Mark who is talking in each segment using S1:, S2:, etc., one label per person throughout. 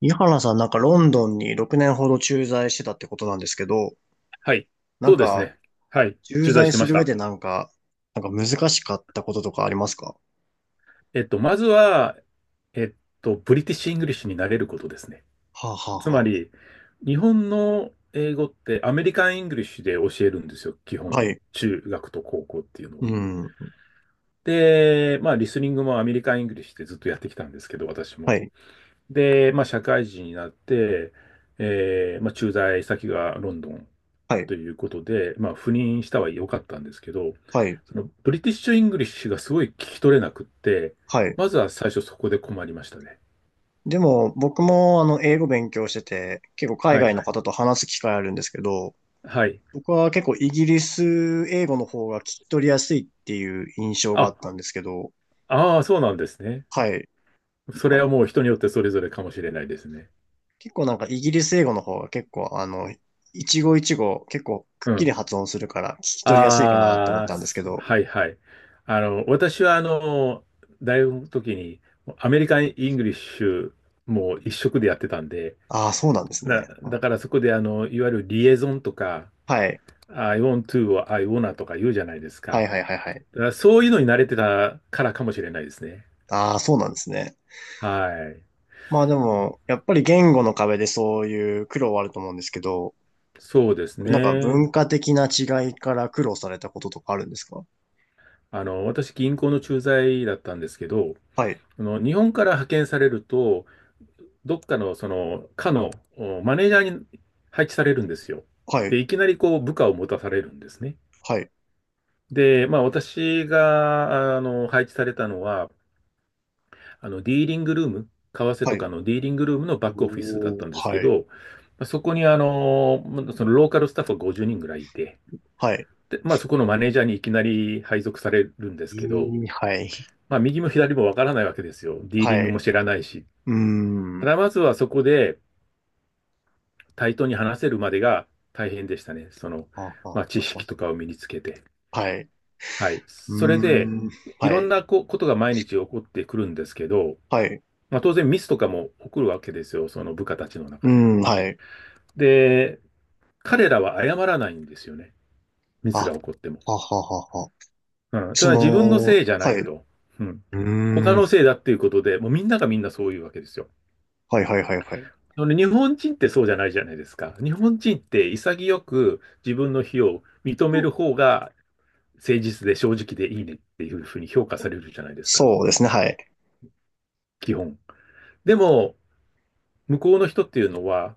S1: 井原さん、なんかロンドンに6年ほど駐在してたってことなんですけど、
S2: はい。
S1: な
S2: そ
S1: ん
S2: うです
S1: か、
S2: ね。はい。
S1: 駐
S2: 駐在し
S1: 在
S2: て
S1: す
S2: まし
S1: る上
S2: た。
S1: でなんか難しかったこととかありますか？
S2: まずは、えっブリティッシュ・イングリッシュになれることですね。
S1: はあ、はあ
S2: つま
S1: は
S2: り、日本の英語ってアメリカン・イングリッシュで教えるんですよ。基
S1: あ。は
S2: 本。
S1: い。
S2: 中学と高校っていうの
S1: う
S2: は。
S1: ん。
S2: で、まあ、リスニングもアメリカン・イングリッシュでずっとやってきたんですけど、私
S1: は
S2: も。
S1: い。
S2: で、まあ、社会人になって、まあ、駐在先がロンドン
S1: はい。
S2: ということで、まあ、赴任したは良かったんですけど、
S1: はい。
S2: そのブリティッシュ・イングリッシュがすごい聞き取れなくって、
S1: はい。
S2: まずは最初そこで困りましたね。
S1: でも、僕も英語勉強してて、結構海
S2: は
S1: 外
S2: い。
S1: の方と話す機会あるんですけど、
S2: はい。
S1: 僕は結構イギリス英語の方が聞き取りやすいっていう印象があ
S2: あ、
S1: ったんですけど。
S2: ああ、そうなんですね。
S1: はい。
S2: それはもう人によってそれぞれかもしれないですね。
S1: 結構なんかイギリス英語の方が結構一語一語結構くっ
S2: う
S1: きり
S2: ん。
S1: 発音するから聞き取りやすいかなって思っ
S2: ああ、
S1: たんですけど。
S2: はいはい。私は大学の時にアメリカン・イングリッシュもう一色でやってたんで、
S1: ああ、そうなんです
S2: だ、
S1: ね。あ、
S2: だからそこでいわゆるリエゾンとか、
S1: はい。
S2: I want to は I wanna とか言うじゃないです
S1: は
S2: か。
S1: いはいはいはい。
S2: だからそういうのに慣れてたからかもしれないですね。
S1: ああ、そうなんですね。
S2: はい。
S1: まあでも、やっぱり言語の壁でそういう苦労はあると思うんですけど、
S2: そうです
S1: なんか
S2: ね。
S1: 文化的な違いから苦労されたこととかあるんですか？
S2: 私、銀行の駐在だったんですけど、
S1: はい、
S2: 日本から派遣されると、どっかの、課のおマネージャーに配置されるんですよ。
S1: はい、
S2: で、いきなりこう、部下を持たされるんですね。
S1: はい、
S2: で、まあ、私が、配置されたのは、ディーリングルーム、為替
S1: は
S2: と
S1: い。
S2: かのディーリングルームのバックオフィスだっ
S1: お
S2: た
S1: ー、
S2: んですけ
S1: はい、
S2: ど、まあそこにそのローカルスタッフが50人ぐらいいて、
S1: はい。
S2: で、まあそこのマネージャーにいきなり配属されるんです
S1: い
S2: けど、
S1: い、はい、
S2: まあ右も左もわからないわけですよ。ディー
S1: は
S2: リングも
S1: い。
S2: 知らないし。
S1: うー
S2: た
S1: ん。
S2: だまずはそこで対等に話せるまでが大変でしたね。その、
S1: あ
S2: まあ知
S1: ああ
S2: 識と
S1: あ
S2: かを身につけて。
S1: あ、はい。
S2: はい。
S1: う
S2: それで、
S1: ーん。
S2: い
S1: は
S2: ろん
S1: い。
S2: なこことが毎日起こってくるんですけど、
S1: はい。う
S2: まあ当然ミスとかも起こるわけですよ。その部下たちの
S1: ー
S2: 中で。
S1: ん、はい。
S2: で、彼らは謝らないんですよね。ミスが
S1: あ、
S2: 起こっても。
S1: はははは。
S2: うん。た
S1: そ
S2: だ自分の
S1: の、
S2: せいじゃな
S1: は
S2: い
S1: い。う
S2: と。うん。
S1: ー
S2: 他
S1: ん。
S2: のせいだっていうことで、もうみんながみんなそういうわけですよ。
S1: はいはいはいはい。
S2: あのね、日本人ってそうじゃないじゃないですか。日本人って潔く自分の非を認める方が誠実で正直でいいねっていうふうに評価されるじゃないですか。
S1: そうですね、はい。
S2: 基本。でも、向こうの人っていうのは、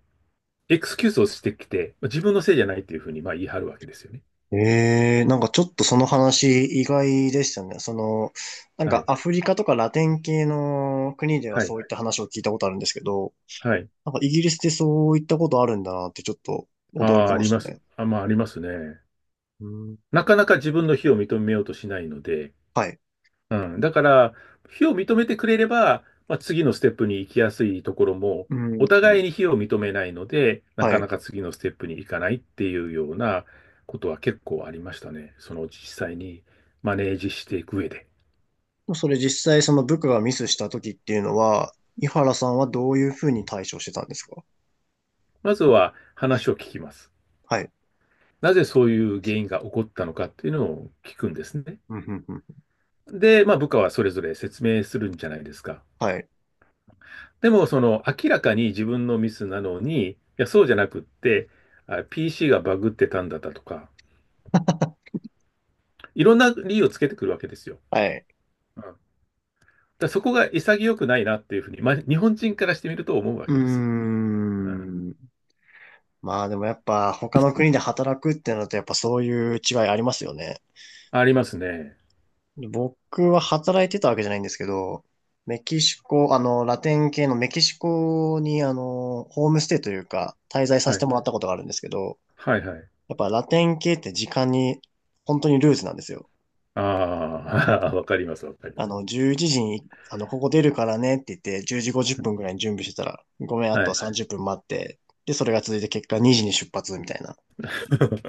S2: エクスキューズをしてきて、自分のせいじゃないっていうふうにまあ言い張るわけですよね。
S1: ええ、なんかちょっとその話意外でしたね。その、なん
S2: は
S1: か
S2: い。
S1: アフリカとかラテン系の国では
S2: は
S1: そ
S2: い。
S1: ういった話を聞いたことあるんですけど、
S2: はい。
S1: なんかイギリスでそういったことあるんだなってちょっと
S2: あ
S1: 驚き
S2: あ、あ
S1: ま
S2: り
S1: し
S2: ま
S1: た
S2: す。
S1: ね。
S2: まあ、ありますね。
S1: うん。
S2: なかなか自分の非を認めようとしないので、
S1: はい。
S2: うん。だから、非を認めてくれれば、まあ、次のステップに行きやすいところも、
S1: う
S2: お互
S1: ん。
S2: いに非を認めないので、な
S1: は
S2: か
S1: い。
S2: なか次のステップに行かないっていうようなことは結構ありましたね。その実際にマネージしていく上で。
S1: もうそれ実際その部下がミスした時っていうのは、井原さんはどういうふうに対処してたんですか？
S2: まずは話を聞きます。
S1: はい。
S2: なぜそういう原因が起こったのかっていうのを聞くんですね。
S1: うんうんうん、
S2: で、まあ部下はそれぞれ説明するんじゃないですか。
S1: はい。
S2: でも、明らかに自分のミスなのに、いや、そうじゃなくって、PC がバグってたんだったとか、いろんな理由をつけてくるわけですよ。
S1: はい。
S2: うん、だからそこが潔くないなっていうふうに、まあ、日本人からしてみると思うわ
S1: うー
S2: けですよね、うん。
S1: ん。まあでもやっぱ他の国で働くってなるとやっぱそういう違いありますよね。
S2: ありますね。
S1: 僕は働いてたわけじゃないんですけど、メキシコ、ラテン系のメキシコにホームステイというか滞在さ
S2: は
S1: せて
S2: い。
S1: もらったことがあるんですけど、
S2: はいはい。
S1: やっぱラテン系って時間に本当にルーズなんですよ。
S2: ああ、わかります、わかります。
S1: 11時に、ここ出るからねって言って、10時50分ぐらいに準備してたら、ごめん、あ
S2: は
S1: とは
S2: い。
S1: 30分待って、で、それが続いて結果2時に出発みたいな。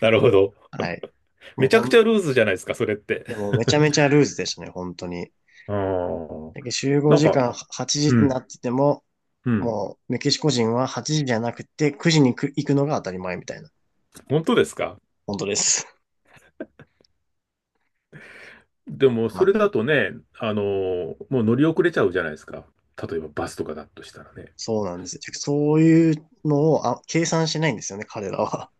S2: なるほど。
S1: はい。もう
S2: めちゃ
S1: ほ
S2: くちゃ
S1: ん、
S2: ルーズじゃないですか、それって。
S1: でもめちゃめちゃルーズでしたね、本当に。
S2: ああ、
S1: だけど集合
S2: なん
S1: 時
S2: か、
S1: 間8
S2: う
S1: 時にな
S2: ん、
S1: ってても、
S2: うん。
S1: もうメキシコ人は8時じゃなくて9時に行くのが当たり前みたいな。
S2: 本当ですか？
S1: 本当です。
S2: で も、
S1: ま
S2: それ
S1: あ、
S2: だとね、もう乗り遅れちゃうじゃないですか。例えばバスとかだとしたらね。
S1: そうなんですよ。そういうのを計算しないんですよね、彼らは。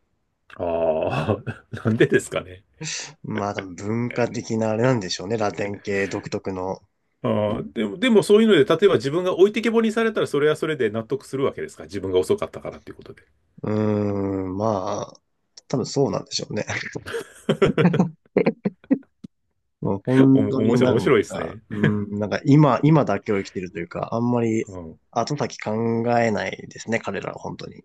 S2: ああ、なんでですかね。
S1: まあ多分文化的なあれなんでしょうね、ラテン系独特の。
S2: ああ、でも、そういうので、例えば自分が置いてけぼりにされたら、それはそれで納得するわけですか。自分が遅かったからっていうことで。
S1: うーん、まあ、多分そうなんでしょうね。もう本当
S2: 面
S1: に
S2: 白
S1: な
S2: い、面
S1: ん
S2: 白いです
S1: か、
S2: ね。
S1: うーん、なんか今だけを生きてるというか、あんまり
S2: うん。
S1: 後先考えないですね、彼らは本当に。い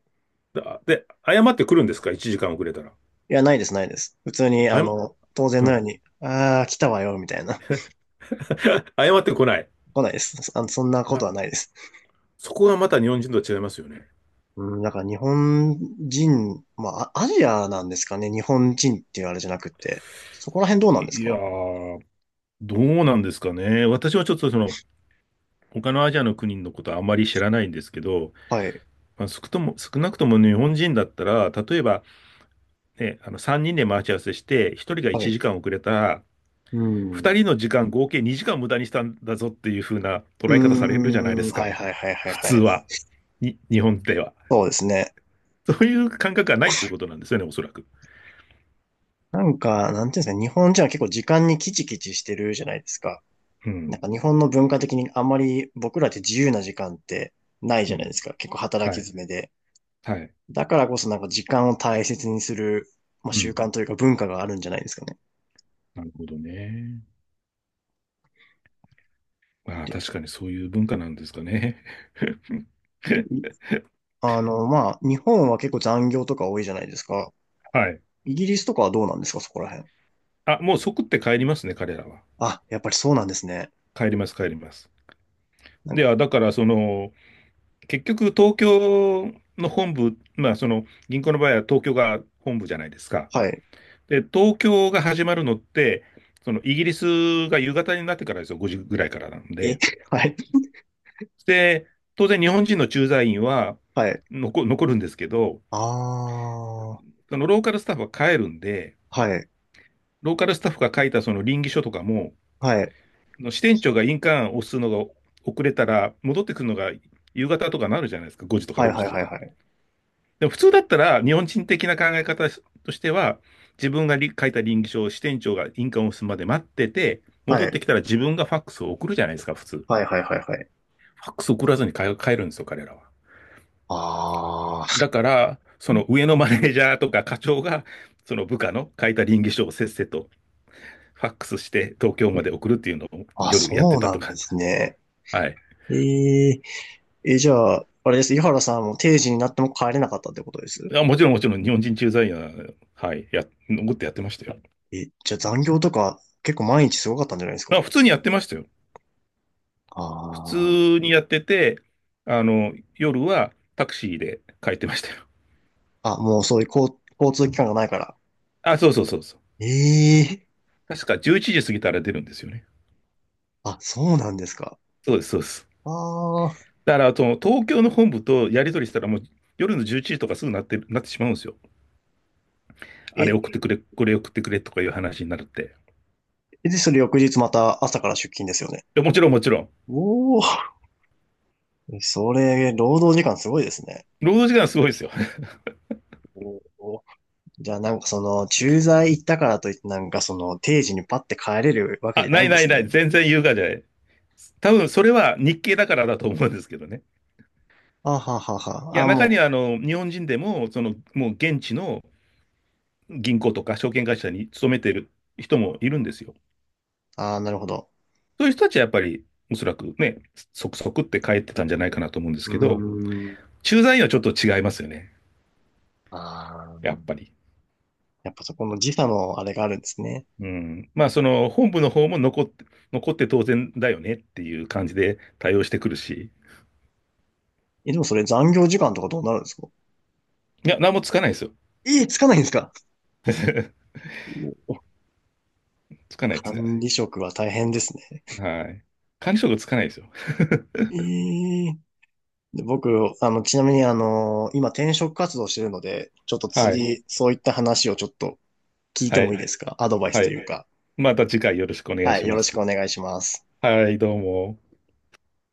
S2: 謝ってくるんですか？ 1 時間遅れたら。
S1: や、ないです、ないです。普通に、
S2: 謝、
S1: 当然
S2: う
S1: のよう
S2: ん。
S1: に、ああ、来たわよ、みたいな。
S2: 謝ってこない。
S1: 来ないです。そんなこと
S2: ま、
S1: はないです。
S2: そこがまた日本人と違いますよね。
S1: うん、だから日本人、まあ、アジアなんですかね、日本人っていうあれじゃなくて。そこら辺どうなんです
S2: いいや
S1: か？
S2: ー、どうなんですかね。私はちょっと他のアジアの国のことはあまり知らないんですけど、
S1: はい、
S2: まあ、少なくとも日本人だったら、例えば、ね、3人で待ち合わせして、1人が
S1: は
S2: 1
S1: い。
S2: 時間遅れたら、
S1: う
S2: 2
S1: ん。
S2: 人の時間合計2時間無駄にしたんだぞっていう風な
S1: う
S2: 捉
S1: ー
S2: え方されるじゃないで
S1: ん、
S2: す
S1: はい
S2: か。
S1: はいはいはい
S2: 普
S1: は
S2: 通
S1: い。
S2: は。日本では。
S1: そうですね。
S2: そういう感覚がないっていうことなんですよね、おそらく。
S1: なんか、なんていうんですかね、日本人は結構時間にキチキチしてるじゃないですか。
S2: う
S1: な
S2: ん。
S1: んか日本の文化的にあんまり僕らって自由な時間ってないじ
S2: う
S1: ゃないで
S2: ん。
S1: すか。結構働
S2: は
S1: き
S2: い。
S1: 詰めで。
S2: はい。
S1: だからこそなんか時間を大切にする、まあ、
S2: う
S1: 習
S2: ん。
S1: 慣というか文化があるんじゃないですかね。
S2: なるほどね。まあ、
S1: で、
S2: 確かにそういう文化なんですかね。
S1: で、いあの、まあ、日本は結構残業とか多いじゃないですか。
S2: はい。
S1: イギリスとかはどうなんですか、そこら辺。
S2: あ、もう即って帰りますね、彼らは。
S1: あ、やっぱりそうなんですね。
S2: 帰ります、帰ります。
S1: なん
S2: で
S1: か、
S2: は、だから、結局、東京の本部、まあ、銀行の場合は東京が本部じゃないですか。
S1: はい。
S2: で、東京が始まるのって、イギリスが夕方になってからですよ、5時ぐらいからなん
S1: え、
S2: で。
S1: はい、
S2: で、当然、日本人の駐在員は
S1: はい。
S2: 残るんですけど、
S1: ああ、は
S2: ローカルスタッフは帰るんで、
S1: い、
S2: ローカルスタッフが書いたその稟議書とかも、
S1: はい、
S2: 支店長が印鑑を押すのが遅れたら、戻ってくるのが夕方とかなるじゃないですか、5時とか
S1: はい、
S2: 6
S1: は
S2: 時
S1: い、
S2: と
S1: はい、
S2: か。
S1: はい。
S2: でも普通だったら、日本人的な考え方としては、自分が書いた稟議書を支店長が印鑑を押すまで待ってて、
S1: は
S2: 戻って
S1: い。
S2: きたら自分がファックスを送るじゃないですか、普通。フ
S1: はいはいはいはい。
S2: ァックス送らずに帰るんですよ、彼らは。
S1: あ
S2: だから、その上のマネージャーとか課長が、その部下の書いた稟議書をせっせとファックスして東京まで送るっていうのを
S1: あ、あ、
S2: 夜やっ
S1: そ
S2: て
S1: う
S2: た
S1: な
S2: と
S1: んで
S2: か。
S1: すね。
S2: はい。
S1: えええ、じゃあ、あれです。井原さんも定時になっても帰れなかったってことです。
S2: もちろん、もちろん、日本人駐在員は、はい、残ってやってましたよ。
S1: え、じゃあ残業とか結構毎日すごかったんじゃないです
S2: まあ
S1: か。
S2: 普通にやってましたよ。
S1: あ
S2: 普通
S1: あ。
S2: にやってて、夜はタクシーで帰ってましたよ。
S1: あ、もうそういう交通機関がないから。
S2: あ、そうそうそうそう。
S1: ええ、
S2: 確か11時過ぎたら出るんですよね。
S1: あ、そうなんですか。
S2: そうです、そうです。
S1: ああ。
S2: だから、その東京の本部とやり取りしたら、もう夜の11時とかすぐなってる、なってしまうんですよ。あれ
S1: え、
S2: 送ってくれ、これ送ってくれとかいう話になるって。い
S1: で、それ翌日また朝から出勤ですよね。
S2: やもちろん、もちろん。
S1: おお、それ、労働時間すごいですね。
S2: 労働時間すごいですよ。
S1: おー、じゃあなんか駐在行ったからといってなんか定時にパッて帰れるわけ
S2: あ、
S1: じゃな
S2: な
S1: い
S2: い
S1: んで
S2: ない
S1: す
S2: ない。
S1: ね。
S2: 全然優雅じゃない。多分、それは日系だからだと思うんですけどね。
S1: あははは。
S2: いや、
S1: あ、
S2: 中に
S1: も
S2: は、日本人でも、もう現地の銀行とか証券会社に勤めている人もいるんですよ。
S1: う、あーなるほど。
S2: そういう人たちはやっぱり、おそらくね、即即って帰ってたんじゃないかなと思うんです
S1: う
S2: けど、
S1: ーん。
S2: 駐在員はちょっと違いますよね、
S1: あ
S2: やっ
S1: ー、
S2: ぱり。
S1: やっぱそこの時差のあれがあるんですね。
S2: うん。まあ、その本部の方も残って、残って当然だよねっていう感じで対応してくるし、
S1: え、でもそれ残業時間とかどうなるんですか？
S2: いや、何もつかないですよ。
S1: えーつかないんですか？ おお、
S2: つかない、つかな
S1: 管
S2: い。
S1: 理職は大変ですね。
S2: はい。管理職つかないですよ。
S1: えーで僕、ちなみに今転職活動してるので、ちょっと
S2: はい。
S1: 次、そういった話をちょっと聞いて
S2: は
S1: もい
S2: い。
S1: いですか？アドバイス
S2: は
S1: と
S2: い。
S1: いうか。
S2: また次回よろしくお願い
S1: は
S2: し
S1: い、よ
S2: ま
S1: ろしく
S2: す。
S1: お願いします。
S2: はい、どうも。